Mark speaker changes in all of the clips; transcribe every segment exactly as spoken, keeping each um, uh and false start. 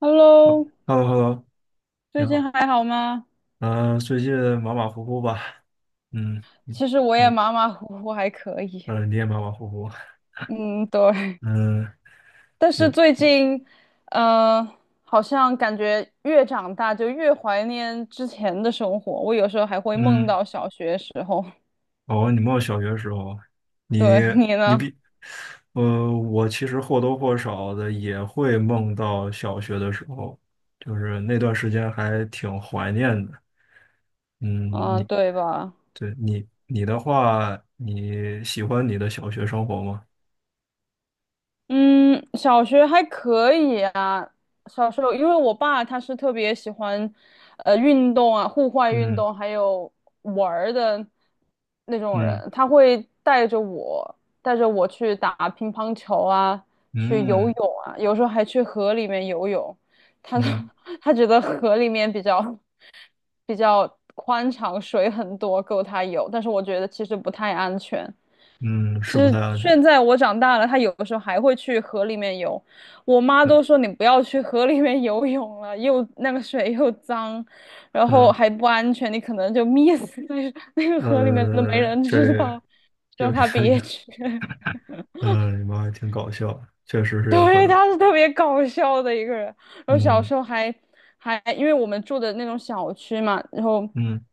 Speaker 1: Hello，
Speaker 2: h e l l o h e l l o 你
Speaker 1: 最近
Speaker 2: 好。
Speaker 1: 还好吗？
Speaker 2: 嗯，最近马马虎虎吧？嗯，你
Speaker 1: 其实我也
Speaker 2: 你
Speaker 1: 马马虎虎，还可以。
Speaker 2: 呃，你也马马虎虎。
Speaker 1: 嗯，对。
Speaker 2: 嗯，
Speaker 1: 但是
Speaker 2: 行。
Speaker 1: 最近，呃，好像感觉越长大就越怀念之前的生活。我有时候还会梦
Speaker 2: 嗯，
Speaker 1: 到小学时候。
Speaker 2: 哦，你梦小学的时候，你
Speaker 1: 对，你
Speaker 2: 你
Speaker 1: 呢？
Speaker 2: 比，呃，我其实或多或少的也会梦到小学的时候，就是那段时间还挺怀念的。嗯，
Speaker 1: 嗯，
Speaker 2: 你
Speaker 1: 对吧？
Speaker 2: 对，你你的话，你喜欢你的小学生活吗？
Speaker 1: 嗯，小学还可以啊。小时候，因为我爸他是特别喜欢，呃，运动啊，户外运
Speaker 2: 嗯，
Speaker 1: 动，还有玩儿的那种
Speaker 2: 嗯，
Speaker 1: 人，他会带着我，带着我去打乒乓球啊，去游
Speaker 2: 嗯，
Speaker 1: 泳啊，有时候还去河里面游泳。他
Speaker 2: 嗯，
Speaker 1: 他觉得河里面比较比较宽敞，水很多，够他游。但是我觉得其实不太安全。
Speaker 2: 嗯，是
Speaker 1: 就
Speaker 2: 不
Speaker 1: 是
Speaker 2: 太安全。
Speaker 1: 现在我长大了，他有的时候还会去河里面游。我妈都说你不要去河里面游泳了，又那个水又脏，然后
Speaker 2: 嗯，
Speaker 1: 还不安全，你可能就 溺死在那个河里面都没
Speaker 2: 呃，
Speaker 1: 人
Speaker 2: 这
Speaker 1: 知道，
Speaker 2: 有
Speaker 1: 让
Speaker 2: 有
Speaker 1: 他 别
Speaker 2: 有，
Speaker 1: 去。
Speaker 2: 呃，你妈还挺搞笑的，确实 是有可
Speaker 1: 对，
Speaker 2: 能。
Speaker 1: 他是特别搞笑的一个人。然后小
Speaker 2: 嗯，
Speaker 1: 时候还还因为我们住的那种小区嘛，然后
Speaker 2: 嗯，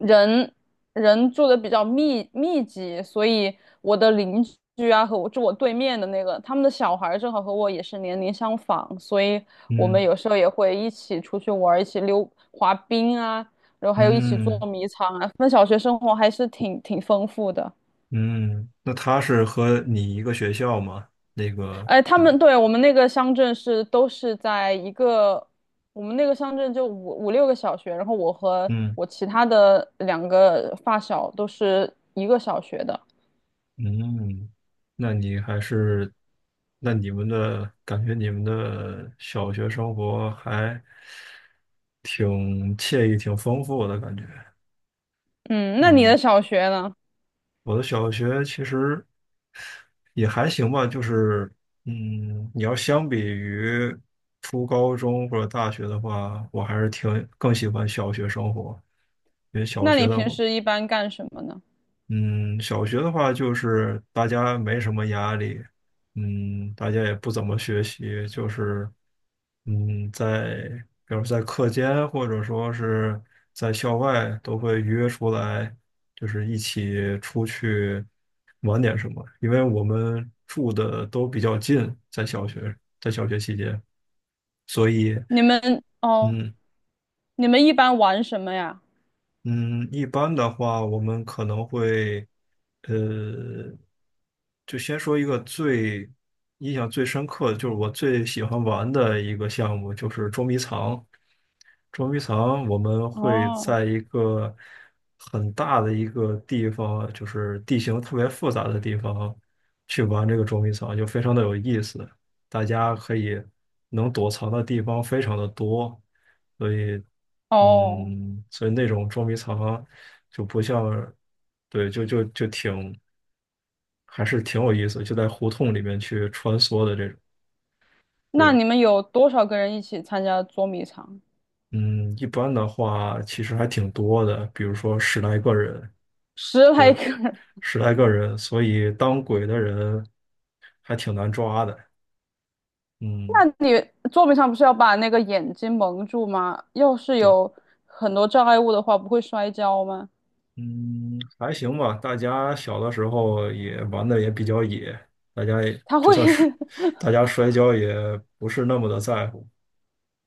Speaker 1: 人人住的比较密密集，所以我的邻居啊和我住我对面的那个，他们的小孩儿正好和我也是年龄相仿，所以我们
Speaker 2: 嗯，
Speaker 1: 有时候也会一起出去玩儿一起溜滑冰啊，然后还有一起捉
Speaker 2: 嗯，
Speaker 1: 迷藏啊。那小学生活还是挺挺丰富的。
Speaker 2: 嗯，那他是和你一个学校吗？那个
Speaker 1: 哎，他
Speaker 2: 你的，
Speaker 1: 们对我们那个乡镇是都是在一个，我们那个乡镇就五五六个小学，然后我和
Speaker 2: 嗯，
Speaker 1: 我其他的两个发小都是一个小学的。
Speaker 2: 嗯，那你还是，那你们的感觉，你们的小学生活还挺惬意、挺丰富的感觉。
Speaker 1: 嗯，那你的
Speaker 2: 嗯，
Speaker 1: 小学呢？
Speaker 2: 我的小学其实也还行吧，就是嗯，你要相比于初高中或者大学的话，我还是挺更喜欢小学生活，因为小
Speaker 1: 那你
Speaker 2: 学的
Speaker 1: 平
Speaker 2: 话。
Speaker 1: 时一般干什么呢？
Speaker 2: 嗯，小学的话就是大家没什么压力，嗯，大家也不怎么学习，就是嗯，在比如在课间或者说是在校外都会约出来，就是一起出去玩点什么，因为我们住的都比较近，在小学在小学期间，所以。
Speaker 1: 你们哦，
Speaker 2: 嗯，
Speaker 1: 你们一般玩什么呀？
Speaker 2: 嗯，一般的话，我们可能会，呃，就先说一个最印象最深刻的，就是我最喜欢玩的一个项目，就是捉迷藏。捉迷藏，我们会
Speaker 1: 哦
Speaker 2: 在一个很大的一个地方，就是地形特别复杂的地方，去玩这个捉迷藏，就非常的有意思。大家可以能躲藏的地方非常的多。所以，
Speaker 1: 哦，
Speaker 2: 嗯，所以那种捉迷藏就不像，对，就就就挺还是挺有意思，就在胡同里面去穿梭的这种。
Speaker 1: 那
Speaker 2: 对，
Speaker 1: 你们有多少个人一起参加捉迷藏？
Speaker 2: 嗯，一般的话其实还挺多的，比如说十来个人，
Speaker 1: 十来
Speaker 2: 对，
Speaker 1: 个人，
Speaker 2: 十来个人，所以当鬼的人还挺难抓的。
Speaker 1: 那
Speaker 2: 嗯，
Speaker 1: 你作品上不是要把那个眼睛蒙住吗？要是
Speaker 2: 对，
Speaker 1: 有很多障碍物的话，不会摔跤吗？
Speaker 2: 嗯，还行吧。大家小的时候也玩的也比较野，大家也
Speaker 1: 他
Speaker 2: 就
Speaker 1: 会，
Speaker 2: 算 是大家摔跤也不是那么的在乎。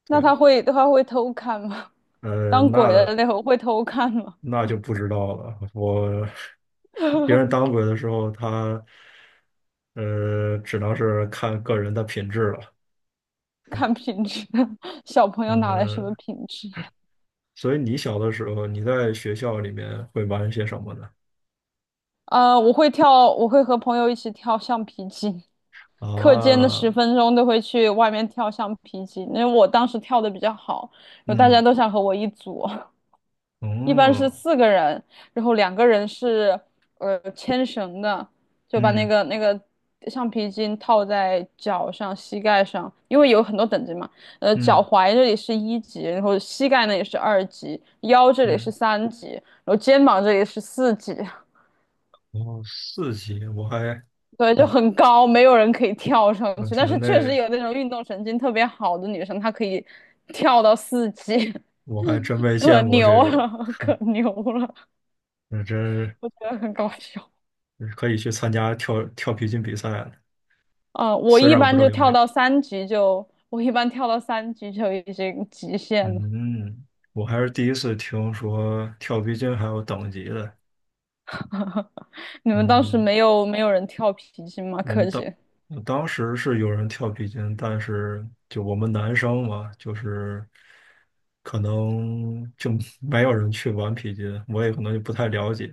Speaker 1: 那
Speaker 2: 对，
Speaker 1: 他会他会偷看吗？
Speaker 2: 呃，
Speaker 1: 当鬼
Speaker 2: 那
Speaker 1: 的那会会偷看吗？
Speaker 2: 那就不知道了。我别人当 鬼的时候，他呃，只能是看个人的品质了。
Speaker 1: 看品质，小朋友哪来什么
Speaker 2: 嗯，
Speaker 1: 品质？
Speaker 2: 所以你小的时候，你在学校里面会玩些什么呢？
Speaker 1: 呃，我会跳，我会和朋友一起跳橡皮筋，课间的
Speaker 2: 啊，
Speaker 1: 十分钟都会去外面跳橡皮筋，因为我当时跳的比较好，有大家
Speaker 2: 嗯，
Speaker 1: 都想和我一组。一般是
Speaker 2: 哦，
Speaker 1: 四个人，然后两个人是呃牵绳的，就把那
Speaker 2: 嗯，
Speaker 1: 个那个橡皮筋套在脚上、膝盖上，因为有很多等级嘛。呃，脚
Speaker 2: 嗯，
Speaker 1: 踝这里是一级，然后膝盖呢也是二级，腰这里是
Speaker 2: 嗯，
Speaker 1: 三级，然后肩膀这里是四级。
Speaker 2: 然后四级，我还，
Speaker 1: 对，就很高，没有人可以跳上
Speaker 2: 我
Speaker 1: 去。
Speaker 2: 觉
Speaker 1: 但
Speaker 2: 得
Speaker 1: 是确实
Speaker 2: 那
Speaker 1: 有那种运动神经特别好的女生，她可以跳到四级，
Speaker 2: 我还真 没
Speaker 1: 可
Speaker 2: 见过这
Speaker 1: 牛
Speaker 2: 种，
Speaker 1: 了，可牛了，
Speaker 2: 那真
Speaker 1: 我觉得很搞笑。
Speaker 2: 可以去参加跳跳皮筋比赛了，
Speaker 1: 哦，我
Speaker 2: 虽
Speaker 1: 一
Speaker 2: 然我不
Speaker 1: 般
Speaker 2: 知道
Speaker 1: 就
Speaker 2: 有没
Speaker 1: 跳
Speaker 2: 有。
Speaker 1: 到三级就，我一般跳到三级就已经极限了。
Speaker 2: 嗯，我还是第一次听说跳皮筋还有等级的。
Speaker 1: 你们当时
Speaker 2: 嗯，
Speaker 1: 没有没有人跳皮筋吗？
Speaker 2: 我
Speaker 1: 柯
Speaker 2: 们当
Speaker 1: 间？
Speaker 2: 我当时是有人跳皮筋，但是就我们男生嘛，就是可能就 没有人去玩皮筋，我也可能就不太了解。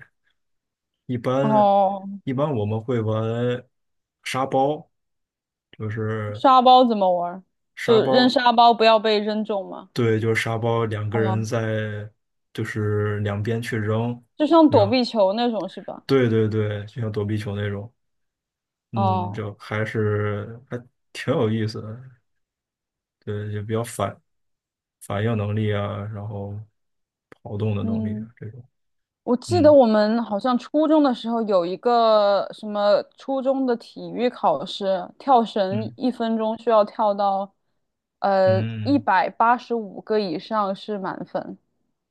Speaker 2: 一般
Speaker 1: 哦，
Speaker 2: 一般我们会玩沙包，就是
Speaker 1: 沙包怎么玩儿？
Speaker 2: 沙
Speaker 1: 就扔
Speaker 2: 包，
Speaker 1: 沙包不要被扔中吗？
Speaker 2: 对，就是沙包，两个人
Speaker 1: 哦，
Speaker 2: 在就是两边去扔。
Speaker 1: 就像躲
Speaker 2: 扔。
Speaker 1: 避球那种是吧？
Speaker 2: 对，对，对，就像躲避球那种，嗯，
Speaker 1: 哦，
Speaker 2: 就还是还挺有意思的，对，也比较反反应能力啊，然后跑动的能力
Speaker 1: 嗯。
Speaker 2: 啊这种，
Speaker 1: 我记得
Speaker 2: 嗯，
Speaker 1: 我们好像初中的时候有一个什么初中的体育考试，跳绳
Speaker 2: 嗯，
Speaker 1: 一分钟需要跳到呃一
Speaker 2: 嗯，
Speaker 1: 百八十五个以上是满分。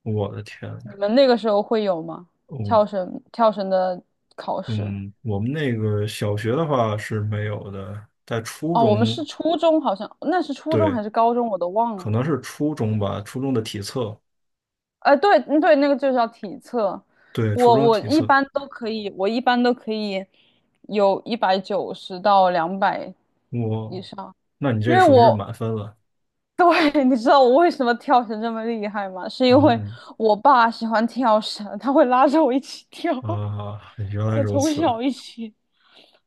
Speaker 2: 我的天呐，
Speaker 1: 你们那个时候会有吗？
Speaker 2: 哦，
Speaker 1: 跳绳跳绳的考试？
Speaker 2: 嗯，我们那个小学的话是没有的，在初
Speaker 1: 哦，我们
Speaker 2: 中，
Speaker 1: 是初中，好像那是初中
Speaker 2: 对，
Speaker 1: 还是高中，我都忘
Speaker 2: 可
Speaker 1: 了。
Speaker 2: 能是初中吧，初中的体测，
Speaker 1: 呃，对嗯对，那个就叫体测。
Speaker 2: 对，初
Speaker 1: 我
Speaker 2: 中
Speaker 1: 我
Speaker 2: 体
Speaker 1: 一
Speaker 2: 测，
Speaker 1: 般都可以，我一般都可以有一百九十到两百以
Speaker 2: 我，
Speaker 1: 上，
Speaker 2: 那你
Speaker 1: 因
Speaker 2: 这
Speaker 1: 为
Speaker 2: 属于是
Speaker 1: 我
Speaker 2: 满分了，
Speaker 1: 对，你知道我为什么跳绳这么厉害吗？是因为
Speaker 2: 嗯，
Speaker 1: 我爸喜欢跳绳，他会拉着我一起跳，
Speaker 2: 啊，原 来
Speaker 1: 就
Speaker 2: 如
Speaker 1: 从
Speaker 2: 此。
Speaker 1: 小一起，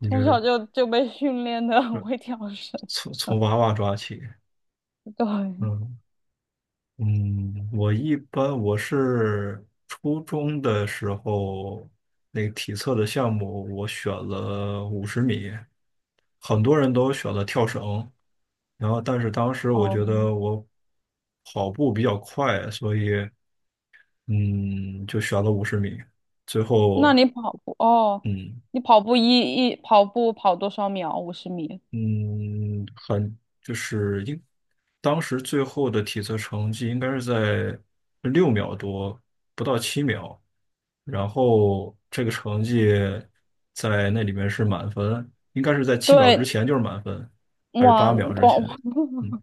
Speaker 2: 你
Speaker 1: 从
Speaker 2: 这
Speaker 1: 小就就被训练的很会跳绳。
Speaker 2: 从从娃娃抓起，
Speaker 1: 对，
Speaker 2: 嗯，嗯，我一般我是初中的时候那个体测的项目，我选了五十米，很多人都选了跳绳，然后但是当时我
Speaker 1: 哦，
Speaker 2: 觉得我跑步比较快，所以嗯就选了五十米，最
Speaker 1: 那
Speaker 2: 后
Speaker 1: 你跑步哦，
Speaker 2: 嗯，
Speaker 1: 你跑步一一跑步跑多少秒？五十米。
Speaker 2: 嗯，很就是应当时最后的体测成绩应该是在六秒多，不到七秒，然后这个成绩在那里面是满分，应该是在七秒之
Speaker 1: 对，
Speaker 2: 前就是满分，还是
Speaker 1: 哇，
Speaker 2: 八秒之
Speaker 1: 哇，
Speaker 2: 前？嗯，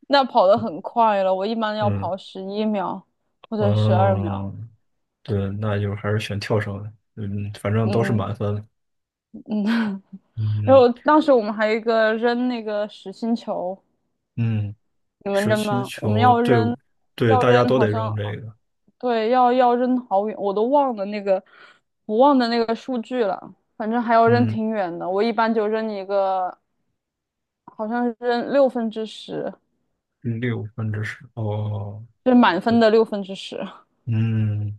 Speaker 1: 那跑得很快了。我一般要
Speaker 2: 嗯，
Speaker 1: 跑十一秒或者十二秒。
Speaker 2: 嗯，对，那就还是选跳绳，嗯，反正都是
Speaker 1: 嗯
Speaker 2: 满分，
Speaker 1: 嗯，然
Speaker 2: 嗯，
Speaker 1: 后当时我们还有一个扔那个实心球，
Speaker 2: 嗯，
Speaker 1: 你们
Speaker 2: 实
Speaker 1: 扔
Speaker 2: 心
Speaker 1: 吗？我们
Speaker 2: 球，
Speaker 1: 要
Speaker 2: 对，
Speaker 1: 扔，
Speaker 2: 对，
Speaker 1: 要
Speaker 2: 大
Speaker 1: 扔，
Speaker 2: 家都
Speaker 1: 好
Speaker 2: 得
Speaker 1: 像
Speaker 2: 扔这个，
Speaker 1: 对，要要扔好远，我都忘了那个，我忘了那个数据了。反正还要扔
Speaker 2: 嗯。
Speaker 1: 挺远的，我一般就扔一个，好像是扔六分之十。
Speaker 2: 六分之十，哦，
Speaker 1: 就是满分的六分之十，
Speaker 2: 嗯，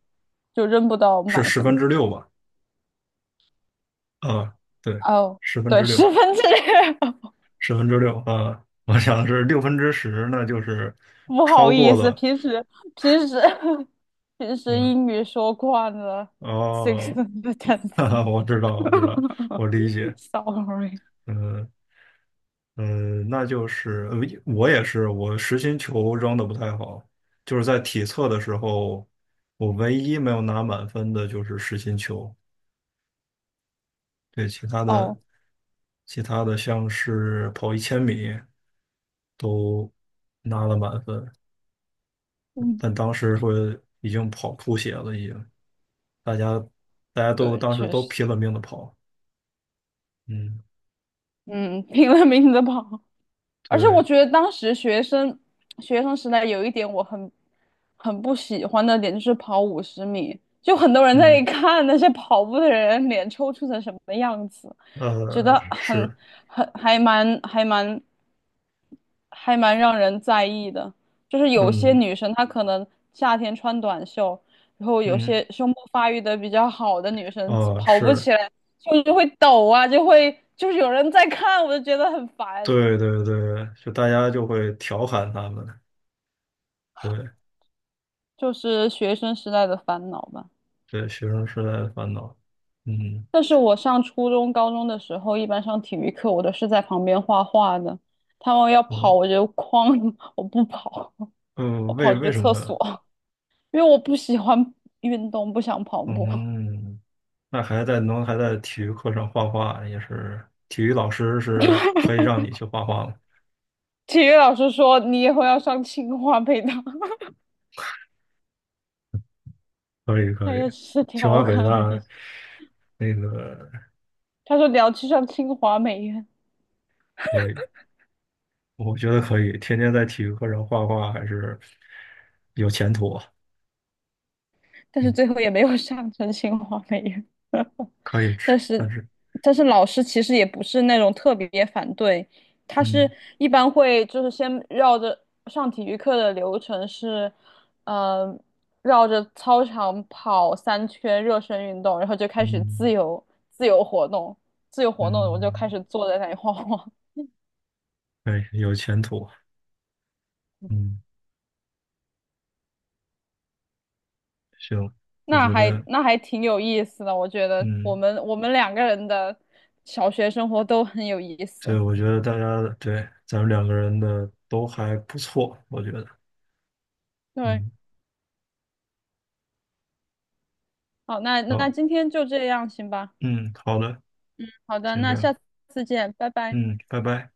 Speaker 1: 就扔不到
Speaker 2: 是
Speaker 1: 满
Speaker 2: 十
Speaker 1: 分。
Speaker 2: 分之六吧？啊，对，
Speaker 1: 哦，
Speaker 2: 十分
Speaker 1: 对，
Speaker 2: 之
Speaker 1: 十
Speaker 2: 六，
Speaker 1: 分之六，
Speaker 2: 十分之六，啊，我想的是六分之十，那就是
Speaker 1: 不好
Speaker 2: 超过
Speaker 1: 意思，
Speaker 2: 了，
Speaker 1: 平时平时平时
Speaker 2: 嗯，
Speaker 1: 英语说惯了，six
Speaker 2: 哦，
Speaker 1: tenth。
Speaker 2: 哈哈，我知道，我知道，我理 解，
Speaker 1: Sorry，
Speaker 2: 嗯，嗯，那就是呃我也是，我实心球扔的不太好，就是在体测的时候，我唯一没有拿满分的就是实心球。对，其他的
Speaker 1: 哦，
Speaker 2: 其他的像是跑一千米都拿了满分，
Speaker 1: 嗯，
Speaker 2: 但当时会已经跑吐血了，已经大家大家都
Speaker 1: 对，
Speaker 2: 当时
Speaker 1: 确
Speaker 2: 都
Speaker 1: 实，
Speaker 2: 拼了命的跑，嗯，
Speaker 1: 嗯，拼了命的跑。而且我
Speaker 2: 对，
Speaker 1: 觉得当时学生学生时代有一点我很很不喜欢的点就是跑五十米，就很多人在那
Speaker 2: 嗯，
Speaker 1: 看那些跑步的人脸抽搐成什么样子，觉得
Speaker 2: 呃，
Speaker 1: 很
Speaker 2: 是，
Speaker 1: 很还蛮还蛮还蛮让人在意的。就是有些
Speaker 2: 嗯，
Speaker 1: 女生她可能夏天穿短袖，然后有
Speaker 2: 嗯，
Speaker 1: 些胸部发育的比较好的女生
Speaker 2: 哦，
Speaker 1: 跑步
Speaker 2: 是，
Speaker 1: 起来就就会抖啊，就会就是有人在看，我就觉得很烦。
Speaker 2: 对，对，对，就大家就会调侃他们，对，
Speaker 1: 就是学生时代的烦恼吧。
Speaker 2: 对，学生时代的烦恼，嗯，
Speaker 1: 但是我上初中、高中的时候，一般上体育课，我都是在旁边画画的。他们要跑，
Speaker 2: 嗯，
Speaker 1: 我就哐，我不跑，
Speaker 2: 呃，
Speaker 1: 我
Speaker 2: 为
Speaker 1: 跑去
Speaker 2: 为什
Speaker 1: 厕所，
Speaker 2: 么？
Speaker 1: 因为我不喜欢运动，不想跑步。
Speaker 2: 嗯，那还在能还在体育课上画画，也是体育老师是可以让你去画画吗？
Speaker 1: 体育老师说你以后要上清华北大，
Speaker 2: 可以，
Speaker 1: 他
Speaker 2: 可以，
Speaker 1: 也只是
Speaker 2: 清
Speaker 1: 调
Speaker 2: 华北
Speaker 1: 侃而
Speaker 2: 大，
Speaker 1: 已。
Speaker 2: 那个
Speaker 1: 他说你要去上清华美院，
Speaker 2: 可以，我觉得可以，天天在体育课上画画还是有前途啊，
Speaker 1: 但是最后也没有上成清华美院。
Speaker 2: 可以 吃，
Speaker 1: 但是，
Speaker 2: 但是
Speaker 1: 但是老师其实也不是那种特别反对，他是
Speaker 2: 嗯，
Speaker 1: 一般会就是先绕着上体育课的流程是，呃，绕着操场跑三圈热身运动，然后就开始
Speaker 2: 嗯，
Speaker 1: 自由自由活动，自由活动我就开
Speaker 2: 嗯，
Speaker 1: 始坐在那里晃晃，
Speaker 2: 可以有前途，嗯，行，我
Speaker 1: 那
Speaker 2: 觉
Speaker 1: 还
Speaker 2: 得
Speaker 1: 那还挺有意思的，我觉得我
Speaker 2: 嗯，
Speaker 1: 们我们两个人的小学生活都很有意思。
Speaker 2: 对，我觉得大家对咱们两个人的都还不错，我觉得。
Speaker 1: 对，
Speaker 2: 嗯。
Speaker 1: 好，那那
Speaker 2: 好，
Speaker 1: 今天就这样，行吧。
Speaker 2: 嗯，好的，
Speaker 1: 好的，
Speaker 2: 先这
Speaker 1: 那下
Speaker 2: 样，
Speaker 1: 次见，拜拜。
Speaker 2: 嗯，拜拜。